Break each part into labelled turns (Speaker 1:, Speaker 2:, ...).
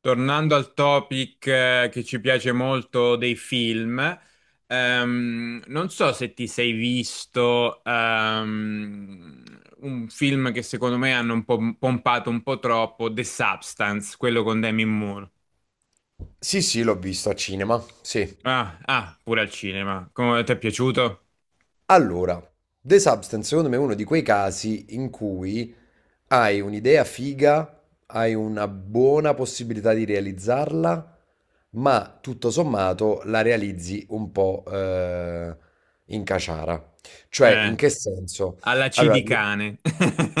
Speaker 1: Tornando al topic che ci piace molto dei film, non so se ti sei visto un film che secondo me hanno un po' pompato un po' troppo, The Substance, quello con Demi Moore.
Speaker 2: Sì, sì, l'ho visto a cinema, sì.
Speaker 1: Ah, ah, pure al cinema. Come ti è piaciuto?
Speaker 2: Allora, The Substance secondo me è uno di quei casi in cui hai un'idea figa, hai una buona possibilità di realizzarla, ma tutto sommato la realizzi un po' in caciara. Cioè, in
Speaker 1: Eh,
Speaker 2: che senso?
Speaker 1: alla C
Speaker 2: Allora,
Speaker 1: di cane.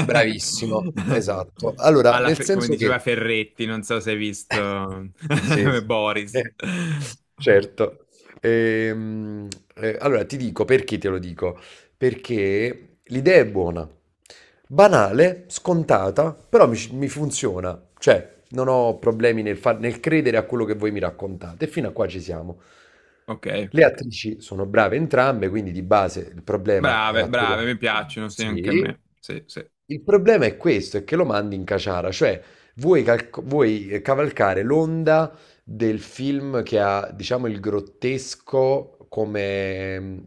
Speaker 2: bravissimo, esatto. Allora, nel
Speaker 1: Come
Speaker 2: senso
Speaker 1: diceva
Speaker 2: che...
Speaker 1: Ferretti, non so se hai visto
Speaker 2: Sì, sì.
Speaker 1: Boris.
Speaker 2: Eh, certo. Ehm, allora ti dico perché te lo dico perché l'idea è buona. Banale, scontata, però mi funziona. Cioè, non ho problemi nel, nel credere a quello che voi mi raccontate. E fino a qua ci siamo.
Speaker 1: Ok.
Speaker 2: Le attrici sono brave entrambe, quindi di base il problema
Speaker 1: Brave,
Speaker 2: attoriale.
Speaker 1: brave, mi piacciono, sì, anche a
Speaker 2: Sì.
Speaker 1: me. Sì, sì,
Speaker 2: Il problema è questo, è che lo mandi in caciara, cioè vuoi, cavalcare l'onda del film che ha, diciamo, il grottesco come mm,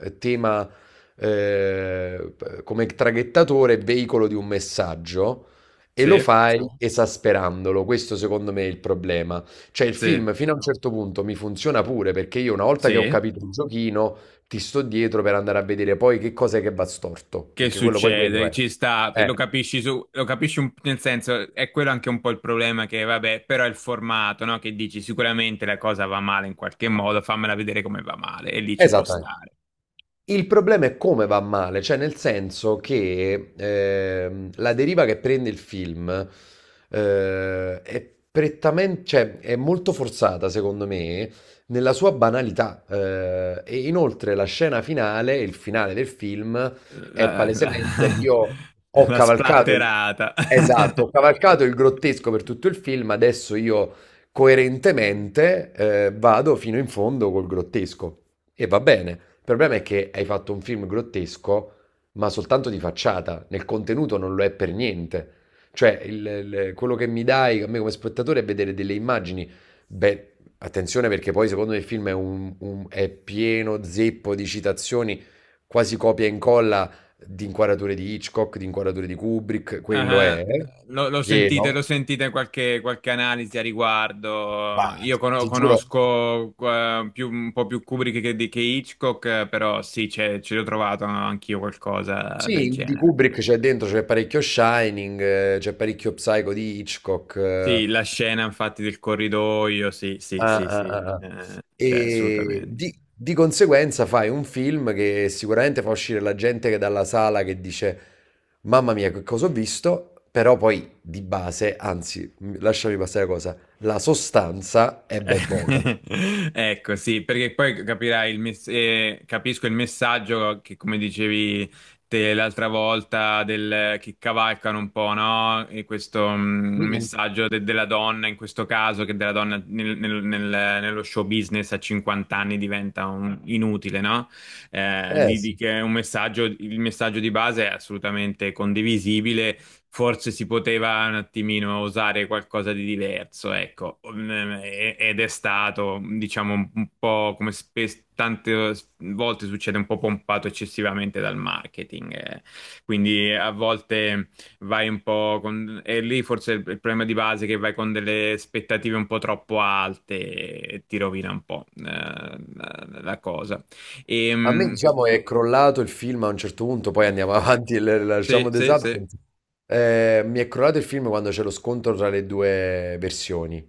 Speaker 2: eh, tema, eh, come traghettatore, veicolo di un messaggio, e lo
Speaker 1: sì,
Speaker 2: fai, certo, esasperandolo. Questo secondo me è il problema. Cioè il
Speaker 1: sì,
Speaker 2: film fino a un certo punto mi funziona pure, perché io, una volta che ho
Speaker 1: sì.
Speaker 2: capito il giochino, ti sto dietro per andare a vedere poi che cosa è che va storto,
Speaker 1: Che
Speaker 2: perché quello poi quello
Speaker 1: succede?
Speaker 2: è.
Speaker 1: Ci sta, lo
Speaker 2: Eh,
Speaker 1: capisci su, nel senso, è quello anche un po' il problema che, vabbè, però è il formato, no? Che dici sicuramente la cosa va male in qualche modo, fammela vedere come va male, e lì ci può
Speaker 2: esattamente.
Speaker 1: stare.
Speaker 2: Il problema è come va male, cioè nel senso che la deriva che prende il film è prettamente, cioè è molto forzata secondo me nella sua banalità, e inoltre la scena finale, il finale del film è
Speaker 1: La,
Speaker 2: palesemente
Speaker 1: la-
Speaker 2: io ho
Speaker 1: la
Speaker 2: cavalcato il,
Speaker 1: splatterata.
Speaker 2: esatto, ho cavalcato il grottesco per tutto il film, adesso io coerentemente vado fino in fondo col grottesco. E va bene. Il problema è che hai fatto un film grottesco, ma soltanto di facciata. Nel contenuto non lo è per niente. Cioè, quello che mi dai a me come spettatore è vedere delle immagini. Beh, attenzione, perché poi secondo me il film è, è pieno zeppo di citazioni, quasi copia e incolla di inquadrature di Hitchcock, di inquadrature di Kubrick, quello
Speaker 1: Eh,
Speaker 2: è
Speaker 1: lo, lo
Speaker 2: pieno.
Speaker 1: sentite in qualche, qualche analisi a
Speaker 2: Ma
Speaker 1: riguardo. Io
Speaker 2: ti giuro.
Speaker 1: conosco un po' più Kubrick che Hitchcock, però sì, ci ho trovato anch'io qualcosa del
Speaker 2: Sì, di
Speaker 1: genere.
Speaker 2: Kubrick c'è dentro, c'è parecchio Shining, c'è parecchio Psycho di Hitchcock.
Speaker 1: Sì, la scena infatti del corridoio, sì, sì,
Speaker 2: Ah,
Speaker 1: sì,
Speaker 2: ah,
Speaker 1: sì,
Speaker 2: ah, ah.
Speaker 1: c'è
Speaker 2: E
Speaker 1: assolutamente.
Speaker 2: di conseguenza fai un film che sicuramente fa uscire la gente che dalla sala che dice mamma mia, che cosa ho visto? Però poi di base, anzi, lasciami passare la cosa, la sostanza è ben poca.
Speaker 1: Eh, ecco, sì, perché poi capirai capisco il messaggio che, come dicevi te l'altra volta, del, che cavalcano un po', no? E questo
Speaker 2: Mm-mm.
Speaker 1: messaggio della donna, in questo caso, che della donna nello show business a 50 anni diventa inutile, no?
Speaker 2: Eh sì.
Speaker 1: Che è un messaggio, il messaggio di base è assolutamente condivisibile, forse si poteva un attimino usare qualcosa di diverso, ecco. Mm, ed è stato, diciamo, un po' come spesso, tante volte succede, un po' pompato eccessivamente dal marketing, eh. Quindi a volte vai un po' con... E lì forse il problema di base è che vai con delle aspettative un po' troppo alte e ti rovina un po' la cosa.
Speaker 2: A me,
Speaker 1: Ehm,
Speaker 2: diciamo, è crollato il film a un certo punto, poi andiamo avanti e
Speaker 1: sì,
Speaker 2: lasciamo The
Speaker 1: sì, sì.
Speaker 2: Substance. Mi è crollato il film quando c'è lo scontro tra le due versioni.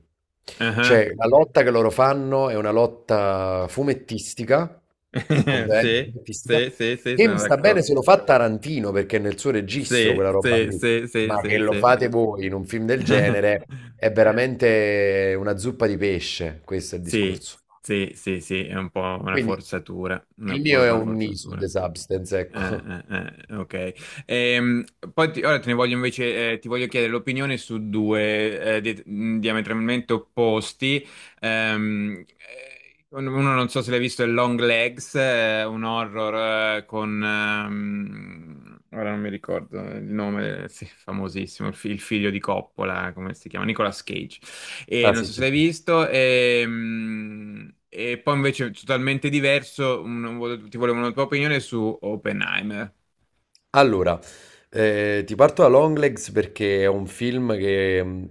Speaker 1: Ah,
Speaker 2: Cioè, la lotta che loro fanno è una lotta fumettistica, completamente
Speaker 1: sì,
Speaker 2: fumettistica,
Speaker 1: sì, sì, sì,
Speaker 2: che mi
Speaker 1: sono
Speaker 2: sta bene
Speaker 1: d'accordo.
Speaker 2: se lo fa Tarantino, perché è nel suo registro
Speaker 1: Sì,
Speaker 2: quella roba
Speaker 1: sì,
Speaker 2: lì.
Speaker 1: sì, sì,
Speaker 2: Ma che
Speaker 1: sì,
Speaker 2: lo
Speaker 1: sì.
Speaker 2: fate voi in un film del genere è veramente una zuppa di pesce, questo è il
Speaker 1: Sì,
Speaker 2: discorso.
Speaker 1: sì, sì, sì, è un po' una
Speaker 2: Quindi
Speaker 1: forzatura, una
Speaker 2: il mio è
Speaker 1: povera
Speaker 2: un knee su
Speaker 1: forzatura.
Speaker 2: The Substance, ecco.
Speaker 1: Ok. Poi ora te ne voglio invece, ti voglio chiedere l'opinione su due diametralmente opposti. Uno non so se l'hai visto, è Long Legs, un horror con... ora non mi ricordo il nome, sì, famosissimo, il figlio di Coppola, come si chiama? Nicolas Cage. E
Speaker 2: Ah,
Speaker 1: non
Speaker 2: sì,
Speaker 1: so se
Speaker 2: sì.
Speaker 1: l'hai visto. E poi invece totalmente diverso, ti volevo una tua opinione su Oppenheimer.
Speaker 2: Allora, ti parto da Longlegs perché è un film che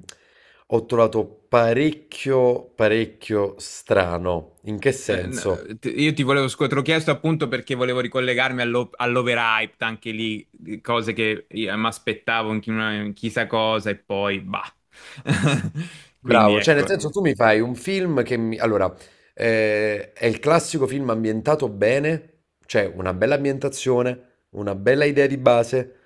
Speaker 2: ho trovato parecchio strano. In che
Speaker 1: No,
Speaker 2: senso?
Speaker 1: io ti volevo, te l'ho chiesto appunto perché volevo ricollegarmi all'overhyped, anche lì, di cose che mi aspettavo in chissà cosa e poi bah. Quindi
Speaker 2: Bravo, cioè nel
Speaker 1: ecco,
Speaker 2: senso tu mi fai un film che mi... Allora, è il classico film ambientato bene, cioè una bella ambientazione, una bella idea di base,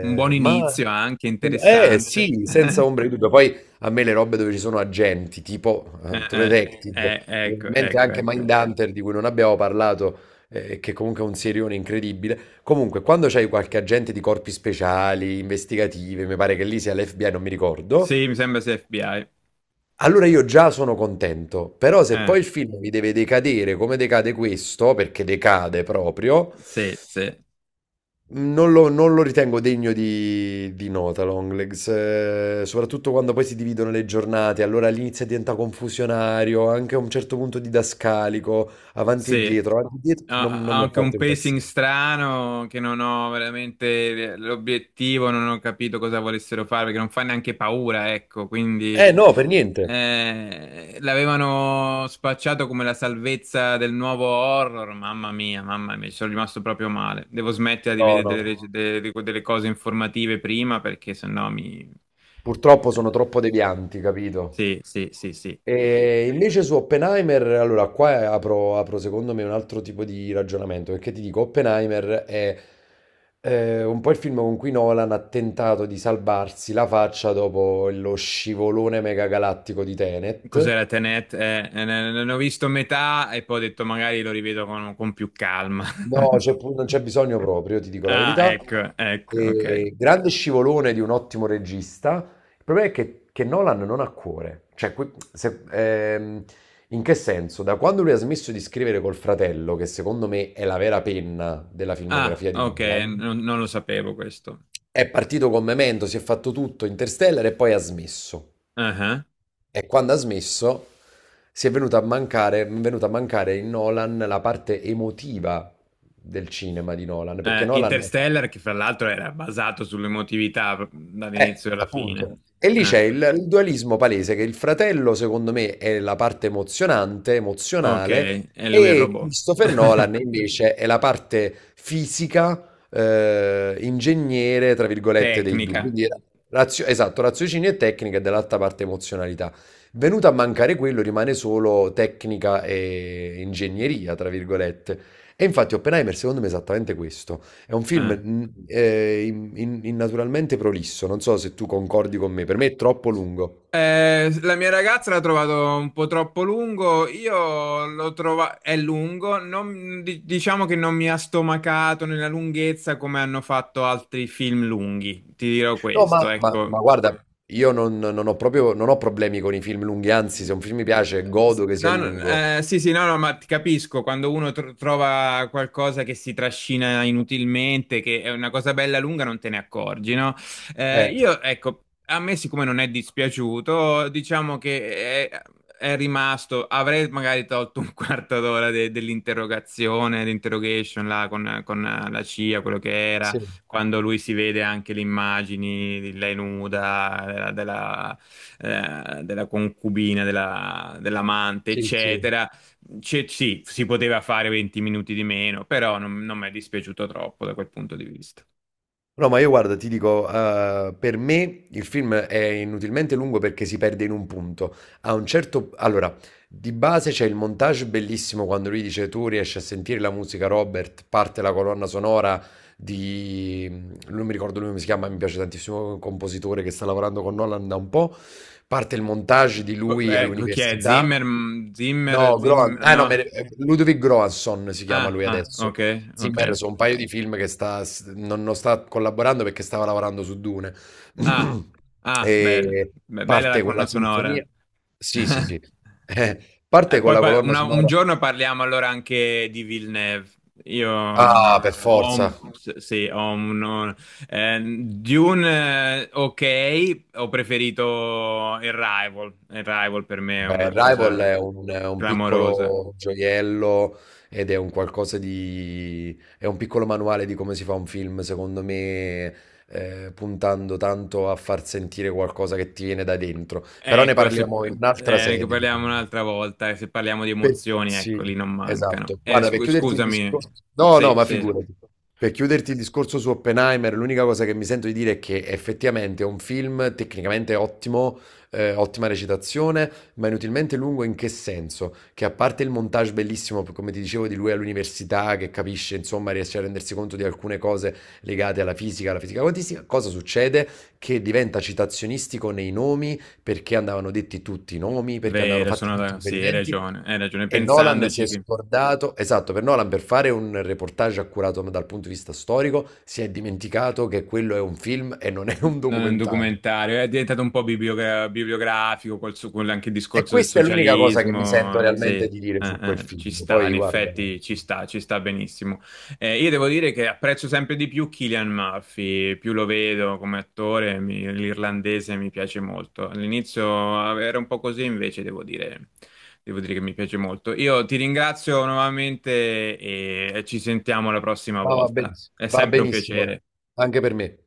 Speaker 1: un buon
Speaker 2: ma...
Speaker 1: inizio anche,
Speaker 2: Eh
Speaker 1: interessante.
Speaker 2: sì, senza ombra di dubbio. Poi a me le robe dove ci sono agenti, tipo
Speaker 1: Eh,
Speaker 2: True Detective, mi viene in
Speaker 1: ecco,
Speaker 2: mente
Speaker 1: ecco,
Speaker 2: anche
Speaker 1: ecco.
Speaker 2: Mindhunter, di cui non abbiamo parlato, che comunque è un serione incredibile. Comunque, quando c'hai qualche agente di corpi speciali, investigative, mi pare che lì sia l'FBI, non mi ricordo.
Speaker 1: Sì, mi sembra sia FBI.
Speaker 2: Allora io già sono contento, però se
Speaker 1: Eh,
Speaker 2: poi il film mi deve decadere come decade questo, perché decade proprio,
Speaker 1: sì, sì.
Speaker 2: non lo ritengo degno di nota Longlegs, soprattutto quando poi si dividono le giornate, allora l'inizio diventa confusionario, anche a un certo punto didascalico,
Speaker 1: Sì.
Speaker 2: avanti e dietro,
Speaker 1: Ha
Speaker 2: non
Speaker 1: ha
Speaker 2: mi ha
Speaker 1: anche un
Speaker 2: fatto
Speaker 1: pacing
Speaker 2: impazzire.
Speaker 1: strano che non ho veramente l'obiettivo, non ho capito cosa volessero fare perché non fa neanche paura, ecco, quindi
Speaker 2: Eh no, per niente.
Speaker 1: l'avevano spacciato come la salvezza del nuovo horror, mamma mia, ci sono rimasto proprio male. Devo smettere di
Speaker 2: No,
Speaker 1: vedere
Speaker 2: no,
Speaker 1: delle, delle cose informative prima perché sennò mi...
Speaker 2: purtroppo sono
Speaker 1: eh,
Speaker 2: troppo devianti, capito?
Speaker 1: Sì, sì, sì, sì.
Speaker 2: E invece su Oppenheimer, allora qua apro secondo me un altro tipo di ragionamento, perché ti dico, Oppenheimer è un po' il film con cui Nolan ha tentato di salvarsi la faccia dopo lo scivolone megagalattico di Tenet.
Speaker 1: Cos'era Tenet? Ne ho visto metà e poi ho detto magari lo rivedo con più calma.
Speaker 2: No, non c'è bisogno proprio, ti dico la
Speaker 1: Ah,
Speaker 2: verità.
Speaker 1: ecco, ecco, ok.
Speaker 2: E grande scivolone di un ottimo regista. Il problema è che Nolan non ha cuore. Cioè, in che senso? Da quando lui ha smesso di scrivere col fratello, che secondo me è la vera penna della
Speaker 1: Ah,
Speaker 2: filmografia di
Speaker 1: ok,
Speaker 2: Nolan,
Speaker 1: non, non lo sapevo questo.
Speaker 2: è partito con Memento, si è fatto tutto, Interstellar e poi ha smesso.
Speaker 1: Ah, ah.
Speaker 2: E quando ha smesso, è venuta a mancare in Nolan la parte emotiva del cinema di Nolan, perché Nolan,
Speaker 1: Interstellar, che fra l'altro era basato sull'emotività dall'inizio alla fine.
Speaker 2: appunto, e lì c'è
Speaker 1: Ah,
Speaker 2: il dualismo palese, che il fratello, secondo me, è la parte emozionante,
Speaker 1: ok,
Speaker 2: emozionale,
Speaker 1: e lui è il
Speaker 2: e
Speaker 1: robot.
Speaker 2: Christopher Nolan invece è la parte fisica, ingegnere, tra virgolette, dei due.
Speaker 1: Tecnica.
Speaker 2: Quindi era esatto, raziocinio e tecnica, e dall'altra parte emozionalità. Venuto a mancare quello, rimane solo tecnica e ingegneria, tra virgolette. E infatti Oppenheimer, secondo me, è esattamente questo. È un film
Speaker 1: Ah.
Speaker 2: innaturalmente prolisso, non so se tu concordi con me, per me è troppo lungo.
Speaker 1: La mia ragazza l'ha trovato un po' troppo lungo, io l'ho trovato, è lungo, diciamo che non mi ha stomacato nella lunghezza come hanno fatto altri film lunghi, ti dirò
Speaker 2: No,
Speaker 1: questo, ecco.
Speaker 2: ma guarda, io non ho proprio, non ho problemi con i film lunghi, anzi, se un film mi piace, godo che sia
Speaker 1: No, no,
Speaker 2: lungo.
Speaker 1: sì, sì, no, no, ma ti capisco, quando uno trova qualcosa che si trascina inutilmente, che è una cosa bella lunga, non te ne accorgi, no?
Speaker 2: Eh,
Speaker 1: Io, ecco, a me siccome non è dispiaciuto, diciamo che è rimasto, avrei magari tolto un quarto d'ora dell'interrogazione, l'interrogation là con la CIA, quello che era,
Speaker 2: sì,
Speaker 1: quando lui si vede anche le immagini di lei nuda, della concubina, dell'amante,
Speaker 2: sì, sì.
Speaker 1: eccetera. Sì, si poteva fare 20 minuti di meno, però non, non mi è dispiaciuto troppo da quel punto di vista.
Speaker 2: No, ma io guarda, ti dico, per me il film è inutilmente lungo perché si perde in un punto. A un certo... Allora, di base c'è il montage bellissimo quando lui dice tu riesci a sentire la musica Robert, parte la colonna sonora di... Non mi ricordo lui come si chiama, mi piace tantissimo, un compositore che sta lavorando con Nolan da un po'. Parte il montage di lui
Speaker 1: Ecco, chi è? Zimmer?
Speaker 2: all'università.
Speaker 1: Mm, Zimmer?
Speaker 2: No, Groan,
Speaker 1: Zimmer?
Speaker 2: ah, no,
Speaker 1: No?
Speaker 2: me- Ludwig Göransson si chiama
Speaker 1: Ah,
Speaker 2: lui
Speaker 1: ah,
Speaker 2: adesso.
Speaker 1: ok, ok.
Speaker 2: Zimmer sono un paio di film che non, non sta collaborando perché stava lavorando su Dune.
Speaker 1: Ah, ah, bella,
Speaker 2: E
Speaker 1: Bella la
Speaker 2: parte
Speaker 1: colonna
Speaker 2: quella
Speaker 1: sonora.
Speaker 2: sinfonia. Sì, sì, sì.
Speaker 1: E
Speaker 2: Parte con
Speaker 1: poi
Speaker 2: la colonna
Speaker 1: un
Speaker 2: sonora.
Speaker 1: giorno parliamo allora anche di Villeneuve. Io
Speaker 2: Ah,
Speaker 1: ho,
Speaker 2: per forza.
Speaker 1: sì, ho un, Dune, ok, ho preferito il Rival. Il Rival per me è
Speaker 2: Beh,
Speaker 1: una cosa
Speaker 2: Rival è è un
Speaker 1: clamorosa.
Speaker 2: piccolo gioiello ed è un qualcosa di... è un piccolo manuale di come si fa un film, secondo me, puntando tanto a far sentire qualcosa che ti viene da dentro. Però ne
Speaker 1: Ecco, se
Speaker 2: parliamo in un'altra
Speaker 1: ne
Speaker 2: sede.
Speaker 1: parliamo un'altra volta, e se parliamo di
Speaker 2: Pe
Speaker 1: emozioni,
Speaker 2: Sì,
Speaker 1: ecco, lì non mancano.
Speaker 2: esatto. Guarda, per chiuderti il
Speaker 1: Scusami,
Speaker 2: discorso, no, no,
Speaker 1: sì,
Speaker 2: ma
Speaker 1: sì,
Speaker 2: figurati. Per chiuderti il discorso su Oppenheimer, l'unica cosa che mi sento di dire è che effettivamente è un film tecnicamente ottimo, ottima recitazione, ma inutilmente lungo, in che senso? Che a parte il montage bellissimo, p come ti dicevo, di lui all'università che capisce, insomma, riesce a rendersi conto di alcune cose legate alla fisica quantistica, cosa succede? Che diventa citazionistico nei nomi perché andavano detti tutti i nomi, perché andavano
Speaker 1: vero,
Speaker 2: fatti tutti i
Speaker 1: sì,
Speaker 2: riferimenti.
Speaker 1: hai ragione,
Speaker 2: E Nolan si
Speaker 1: pensandoci
Speaker 2: è
Speaker 1: che...
Speaker 2: scordato, esatto, per Nolan, per fare un reportage accurato dal punto di vista storico, si è dimenticato che quello è un film e non è un
Speaker 1: Non è un
Speaker 2: documentario.
Speaker 1: documentario, è diventato un po' bibliografico con anche il
Speaker 2: E
Speaker 1: discorso del
Speaker 2: questa è l'unica cosa che mi sento
Speaker 1: socialismo. Sì,
Speaker 2: realmente di dire su quel
Speaker 1: ci
Speaker 2: film.
Speaker 1: sta,
Speaker 2: Poi
Speaker 1: in
Speaker 2: guarda,
Speaker 1: effetti
Speaker 2: sì,
Speaker 1: ci sta benissimo. Io devo dire che apprezzo sempre di più Cillian Murphy, più lo vedo come attore, l'irlandese mi piace molto. All'inizio era un po' così, invece devo dire che mi piace molto. Io ti ringrazio nuovamente e ci sentiamo la prossima
Speaker 2: ma
Speaker 1: volta. È
Speaker 2: va
Speaker 1: sempre un
Speaker 2: benissimo
Speaker 1: piacere.
Speaker 2: anche per me.